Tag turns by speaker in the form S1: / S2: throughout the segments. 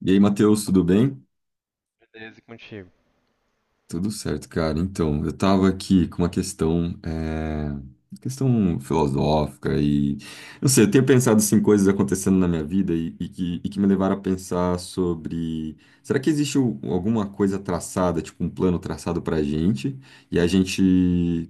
S1: E aí, Matheus, tudo bem?
S2: Beleza, e contigo.
S1: Tudo certo, cara. Então, eu tava aqui com uma questão, questão filosófica não sei, eu tenho pensado assim, coisas acontecendo na minha vida e que me levaram a pensar sobre, será que existe alguma coisa traçada, tipo um plano traçado pra gente.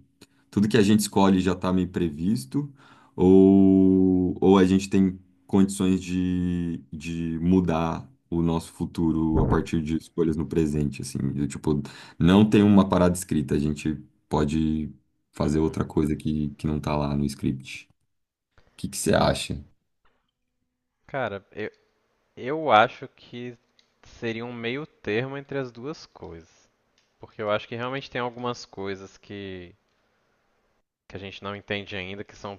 S1: Tudo que a gente escolhe já tá meio previsto ou a gente tem condições de mudar o nosso futuro a partir de escolhas no presente, assim, do tipo não tem uma parada escrita, a gente pode fazer
S2: Uhum.
S1: outra coisa que não tá lá no script. O que que você acha?
S2: Cara, eu acho que seria um meio termo entre as duas coisas. Porque eu acho que realmente tem algumas coisas que a gente não entende ainda, que são,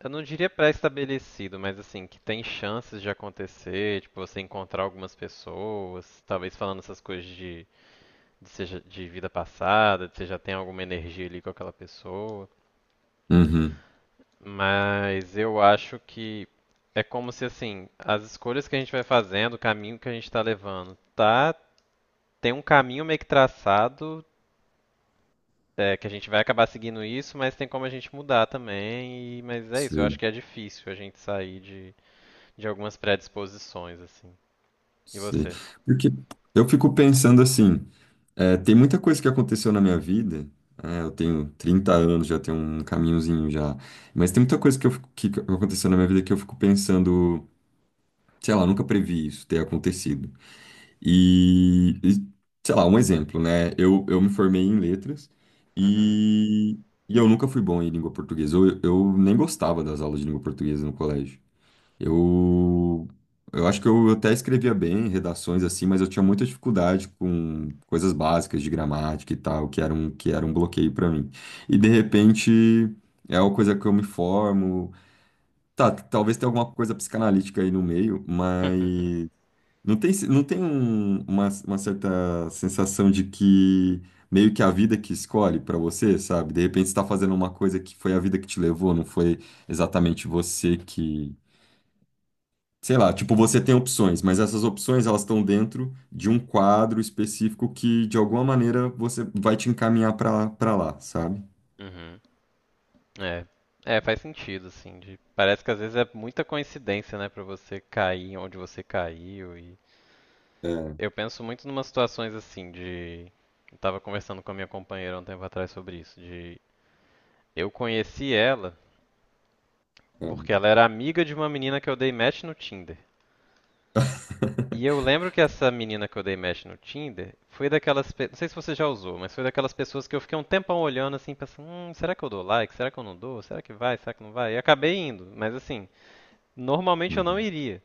S2: eu não diria pré-estabelecido, mas assim, que tem chances de acontecer, tipo, você encontrar algumas pessoas, talvez falando essas coisas seja, de vida passada, de você já tem alguma energia ali com aquela pessoa.
S1: Uhum,
S2: Mas eu acho que é como se assim, as escolhas que a gente vai fazendo, o caminho que a gente está levando, tá? Tem um caminho meio que traçado, que a gente vai acabar seguindo isso, mas tem como a gente mudar também. E, mas é isso, eu acho
S1: sei,
S2: que é difícil a gente sair de algumas predisposições, assim. E
S1: sei.
S2: você?
S1: Porque eu fico pensando assim, tem muita coisa que aconteceu na minha vida, eu tenho 30 anos, já tenho um caminhozinho já, mas tem muita coisa que, que aconteceu na minha vida que eu fico pensando, sei lá, nunca previ isso ter acontecido. E, e, sei lá, um exemplo, né? Eu me formei em letras
S2: Uhum.
S1: e, e eu nunca fui bom em língua portuguesa. Eu nem gostava das aulas de língua portuguesa no colégio. Eu, eu acho que eu até escrevia bem redações assim, mas eu tinha muita dificuldade com coisas básicas de gramática e tal, que era um bloqueio para mim. E de repente é uma coisa que eu me formo. Tá, talvez tenha alguma coisa psicanalítica aí no meio, mas. Não tem, não tem uma certa sensação de que meio que a vida que escolhe pra você, sabe? De repente você tá fazendo uma coisa que foi a vida que te levou, não foi exatamente você que. Sei lá, tipo, você tem opções, mas essas opções elas estão dentro de um quadro específico que de alguma maneira você vai te encaminhar pra para lá, sabe?
S2: Uhum. É. É, faz sentido, assim. Parece que às vezes é muita coincidência, né, pra você cair onde você caiu e
S1: É,
S2: eu penso muito numas situações assim de. Eu tava conversando com a minha companheira um tempo atrás sobre isso, de eu conheci ela
S1: é.
S2: porque ela era amiga de uma menina que eu dei match no Tinder. E eu lembro que essa menina que eu dei match no Tinder foi daquelas, não sei se você já usou, mas foi daquelas pessoas que eu fiquei um tempão olhando assim, pensando, será que eu dou like? Será que eu não dou? Será que vai? Será que não vai? E acabei indo, mas assim, normalmente eu não
S1: Uhum,
S2: iria.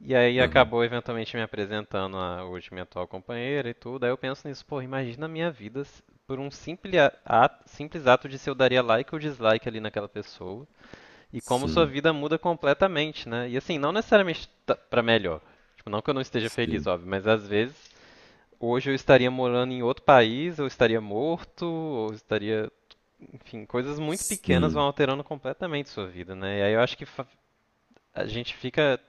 S2: E aí
S1: uhum.
S2: acabou eventualmente me apresentando a hoje minha atual companheira e tudo. Aí eu penso nisso, pô, imagina a minha vida por um simples ato de se eu daria like ou dislike ali naquela pessoa e como sua
S1: Sim,
S2: vida muda completamente, né? E assim, não necessariamente pra melhor. Tipo, não que eu não esteja feliz,
S1: sim,
S2: óbvio, mas às vezes hoje eu estaria morando em outro país, eu estaria morto, ou estaria, enfim, coisas muito pequenas vão
S1: sim,
S2: alterando completamente sua vida, né? E aí eu acho que a gente fica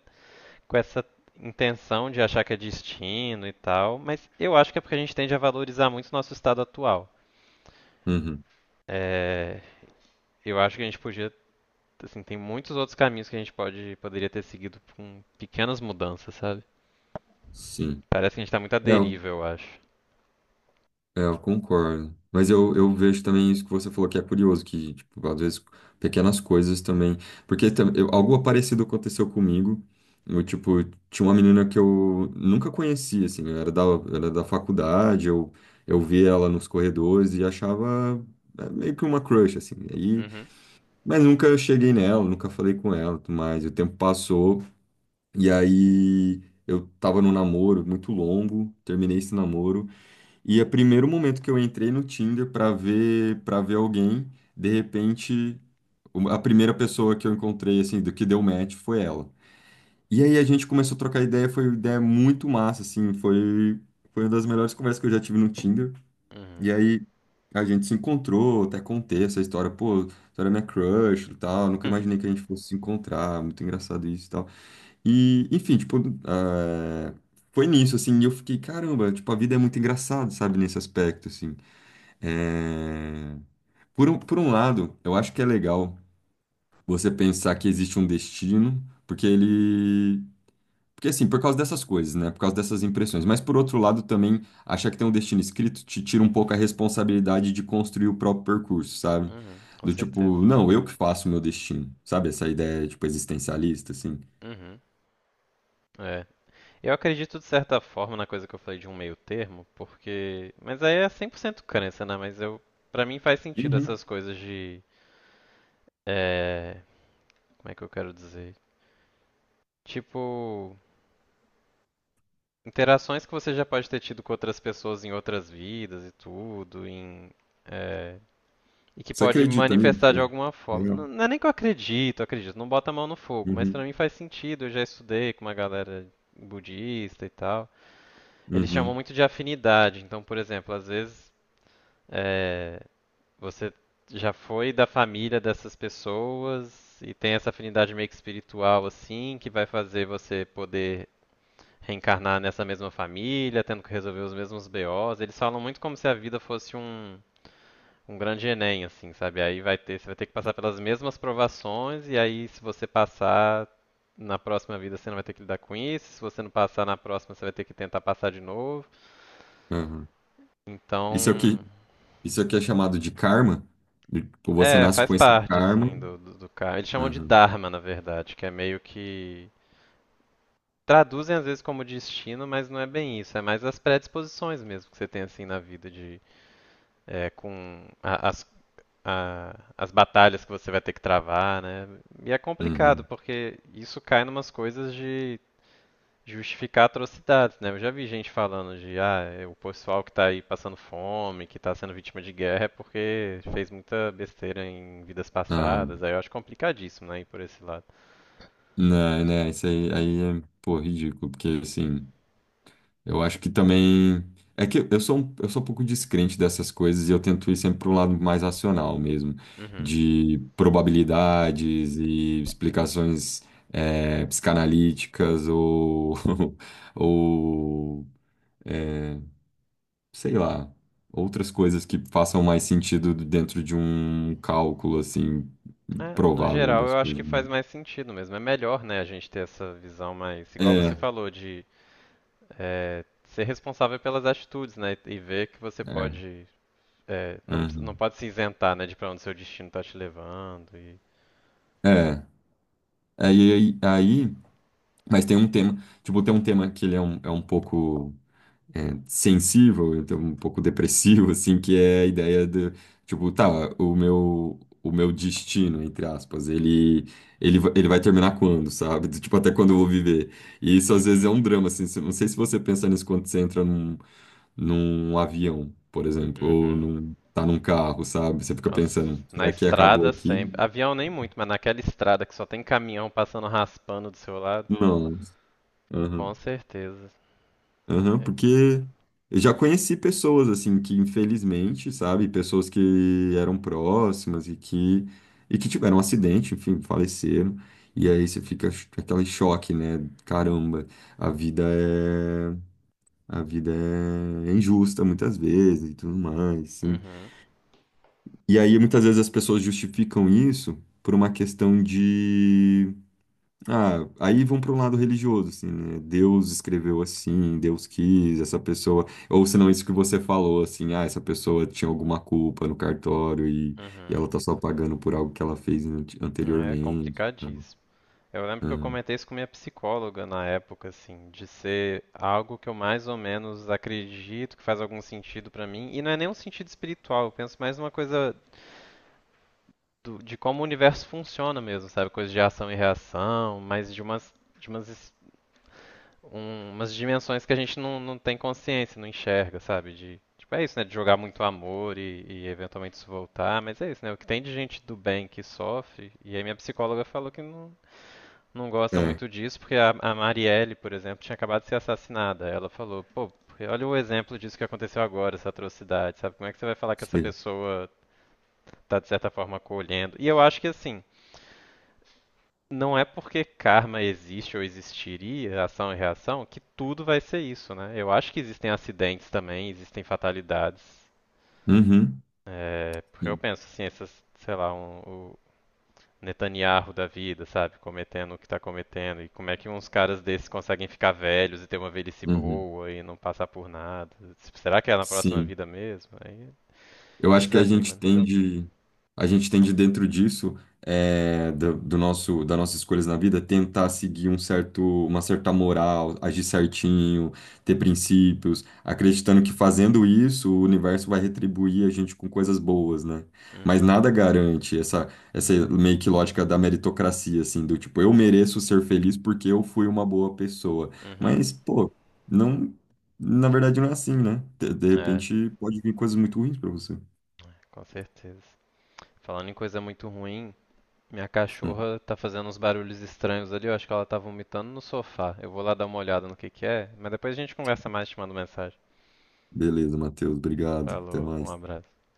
S2: com essa intenção de achar que é destino e tal, mas eu acho que é porque a gente tende a valorizar muito o nosso estado atual.
S1: uhum,
S2: É, eu acho que a gente podia, assim, tem muitos outros caminhos que a gente poderia ter seguido com pequenas mudanças, sabe?
S1: sim.
S2: Parece que a gente tá muito à
S1: É,
S2: deriva, eu acho.
S1: é, eu concordo. Mas eu vejo também isso que você falou, que é curioso, que, tipo, às vezes pequenas coisas também. Porque algo parecido aconteceu comigo. Eu, tipo, tinha uma menina que eu nunca conhecia, assim, era da faculdade, eu via ela nos corredores e achava meio que uma crush, assim. E aí,
S2: Uhum,
S1: mas nunca eu cheguei nela, nunca falei com ela, e tudo mais. O tempo passou e aí eu tava num namoro muito longo, terminei esse namoro. E é o primeiro momento que eu entrei no Tinder para ver alguém, de repente, a primeira pessoa que eu encontrei assim, do que deu match foi ela. E aí a gente começou a trocar ideia, foi uma ideia muito massa assim, foi uma das melhores conversas que eu já tive no Tinder. E
S2: uhum,
S1: aí a gente se encontrou, até contei essa história, pô, você era minha crush e tal, nunca
S2: uhum,
S1: imaginei que a gente fosse se encontrar, muito engraçado isso e tal. E, enfim, tipo, eh, foi nisso, assim, e eu fiquei, caramba, tipo, a vida é muito engraçada, sabe, nesse aspecto, assim. É, Por um lado, eu acho que é legal você pensar que existe um destino, porque ele. Porque assim, por causa dessas coisas, né? Por causa dessas impressões. Mas por outro lado, também achar que tem um destino escrito te tira um pouco a responsabilidade de construir o próprio percurso, sabe?
S2: uhum, com
S1: Do
S2: certeza.
S1: tipo, não, eu que faço o meu destino, sabe? Essa ideia, tipo, existencialista, assim.
S2: Uhum. É. Eu acredito de certa forma na coisa que eu falei de um meio termo, porque. Mas aí é 100% crença, né? Mas eu. Pra mim faz sentido
S1: Uhum.
S2: essas coisas de. É, como é que eu quero dizer? Tipo, interações que você já pode ter tido com outras pessoas em outras vidas e tudo, é, e que
S1: Você
S2: pode
S1: acredita
S2: manifestar de
S1: nisso?
S2: alguma forma.
S1: Legal.
S2: Não, não é nem que eu acredito, acredito, não bota a mão no fogo, mas pra
S1: Uhum,
S2: mim faz sentido, eu já estudei com uma galera budista e tal. Eles chamam
S1: uhum,
S2: muito de afinidade, então, por exemplo, às vezes é, você já foi da família dessas pessoas e tem essa afinidade meio que espiritual assim, que vai fazer você poder reencarnar nessa mesma família, tendo que resolver os mesmos BOs. Eles falam muito como se a vida fosse um, um grande Enem, assim, sabe? Aí vai ter, você vai ter que passar pelas mesmas provações, e aí se você passar na próxima vida você não vai ter que lidar com isso, se você não passar na próxima você vai ter que tentar passar de novo.
S1: uhum. Isso é o que,
S2: Então,
S1: Isso aqui é chamado de karma? Tipo, você
S2: é,
S1: nasce
S2: faz
S1: com esse
S2: parte,
S1: karma.
S2: assim, do karma. Eles chamam de
S1: Aham,
S2: Dharma, na verdade, que é meio que. Traduzem às vezes como destino, mas não é bem isso. É mais as predisposições mesmo que você tem assim na vida de é, com a- as batalhas que você vai ter que travar, né? E é complicado,
S1: uhum.
S2: porque isso cai numas coisas de justificar atrocidades, né? Eu já vi gente falando de, ah, é o pessoal que tá aí passando fome, que tá sendo vítima de guerra, é porque fez muita besteira em vidas
S1: Ah,
S2: passadas. Aí eu acho complicadíssimo, né, ir por esse lado.
S1: não, né, isso aí, aí é, pô, ridículo, porque assim, eu acho que também. É que eu sou um pouco descrente dessas coisas e eu tento ir sempre para um lado mais racional mesmo,
S2: Uhum.
S1: de probabilidades e explicações psicanalíticas ou, ou eh, sei lá, outras coisas que façam mais sentido dentro de um cálculo, assim,
S2: É, no
S1: provável
S2: geral,
S1: das
S2: eu acho
S1: coisas.
S2: que
S1: Né?
S2: faz mais sentido mesmo. É melhor, né, a gente ter essa visão mais, igual você
S1: É,
S2: falou, de é, ser responsável pelas atitudes, né? E ver que você
S1: é,
S2: pode, é, não, não
S1: uhum.
S2: pode se isentar, né, de pra onde seu destino tá te levando e...
S1: É. Aí, aí, aí- mas tem um tema, tipo, tem um tema que ele é um pouco. É, sensível, então um pouco depressivo, assim, que é a ideia do, tipo, tá, o meu destino, entre aspas, ele, ele vai terminar quando, sabe? Do tipo, até quando eu vou viver. E isso às vezes é
S2: Uhum,
S1: um drama, assim, não sei se você pensa nisso quando você entra num, num avião, por exemplo, ou
S2: uhum.
S1: num, tá num carro, sabe? Você fica
S2: Nossa,
S1: pensando,
S2: na
S1: será que acabou
S2: estrada
S1: aqui?
S2: sempre. Avião nem muito, mas naquela estrada que só tem caminhão passando raspando do seu lado,
S1: Não.
S2: com certeza.
S1: Aham,
S2: É,
S1: porque eu já conheci pessoas assim que infelizmente, sabe, pessoas que eram próximas e que tiveram um acidente, enfim, faleceram. E aí você fica aquele choque, né? Caramba, a vida é a vida é injusta muitas vezes e tudo mais, sim.
S2: uhum,
S1: E aí muitas vezes as pessoas justificam isso por uma questão, ah, aí vão para um lado religioso, assim, né? Deus escreveu assim, Deus quis, essa pessoa. Ou senão isso que você falou, assim, ah, essa pessoa tinha alguma culpa no cartório e
S2: uhum.
S1: ela tá só pagando por algo que ela fez
S2: É
S1: anteriormente. Tá?
S2: complicadíssimo. Eu lembro que eu
S1: Ah,
S2: comentei isso com minha psicóloga na época, assim, de ser algo que eu mais ou menos acredito que faz algum sentido pra mim. E não é nem um sentido espiritual, eu penso mais numa coisa de como o universo funciona mesmo, sabe? Coisa de ação e reação, mas de umas, de umas, es- umas dimensões que a gente não, não tem consciência, não enxerga, sabe? De, tipo, é isso, né? De jogar muito amor e eventualmente isso voltar, mas é isso, né? O que tem de gente do bem que sofre, e aí minha psicóloga falou que não, não gosta
S1: é,
S2: muito disso, porque a Marielle, por exemplo, tinha acabado de ser assassinada. Ela falou, pô, porque olha o exemplo disso que aconteceu agora, essa atrocidade, sabe? Como é que você vai falar que essa
S1: sei.
S2: pessoa tá, de certa forma, acolhendo? E eu acho que, assim, não é porque karma existe ou existiria, ação e reação, que tudo vai ser isso, né? Eu acho que existem acidentes também, existem fatalidades.
S1: Uhum.
S2: É, porque eu
S1: Sim.
S2: penso, assim, essas, sei lá, um, Netanyahu da vida, sabe? Cometendo o que tá cometendo. E como é que uns caras desses conseguem ficar velhos e ter uma velhice
S1: Uhum.
S2: boa e não passar por nada? Será que é na próxima
S1: Sim.
S2: vida mesmo? Aí
S1: Eu acho que
S2: desanima, né?
S1: a gente tende dentro disso, do, do nosso, das nossas escolhas na vida, tentar seguir um certo, uma certa moral, agir certinho, ter princípios, acreditando que fazendo isso, o universo vai retribuir a gente com coisas boas, né? Mas
S2: Uhum,
S1: nada garante essa, essa meio que lógica da meritocracia, assim, do tipo, eu mereço ser feliz porque eu fui uma boa pessoa.
S2: uhum.
S1: Mas, pô, não, na verdade não é assim, né? De
S2: É,
S1: repente pode vir coisas muito ruins pra você.
S2: com certeza. Falando em coisa muito ruim, minha cachorra tá fazendo uns barulhos estranhos ali. Eu acho que ela tá vomitando no sofá. Eu vou lá dar uma olhada no que é, mas depois a gente conversa mais te mando mensagem.
S1: Beleza, Matheus. Obrigado. Até
S2: Falou, um
S1: mais.
S2: abraço.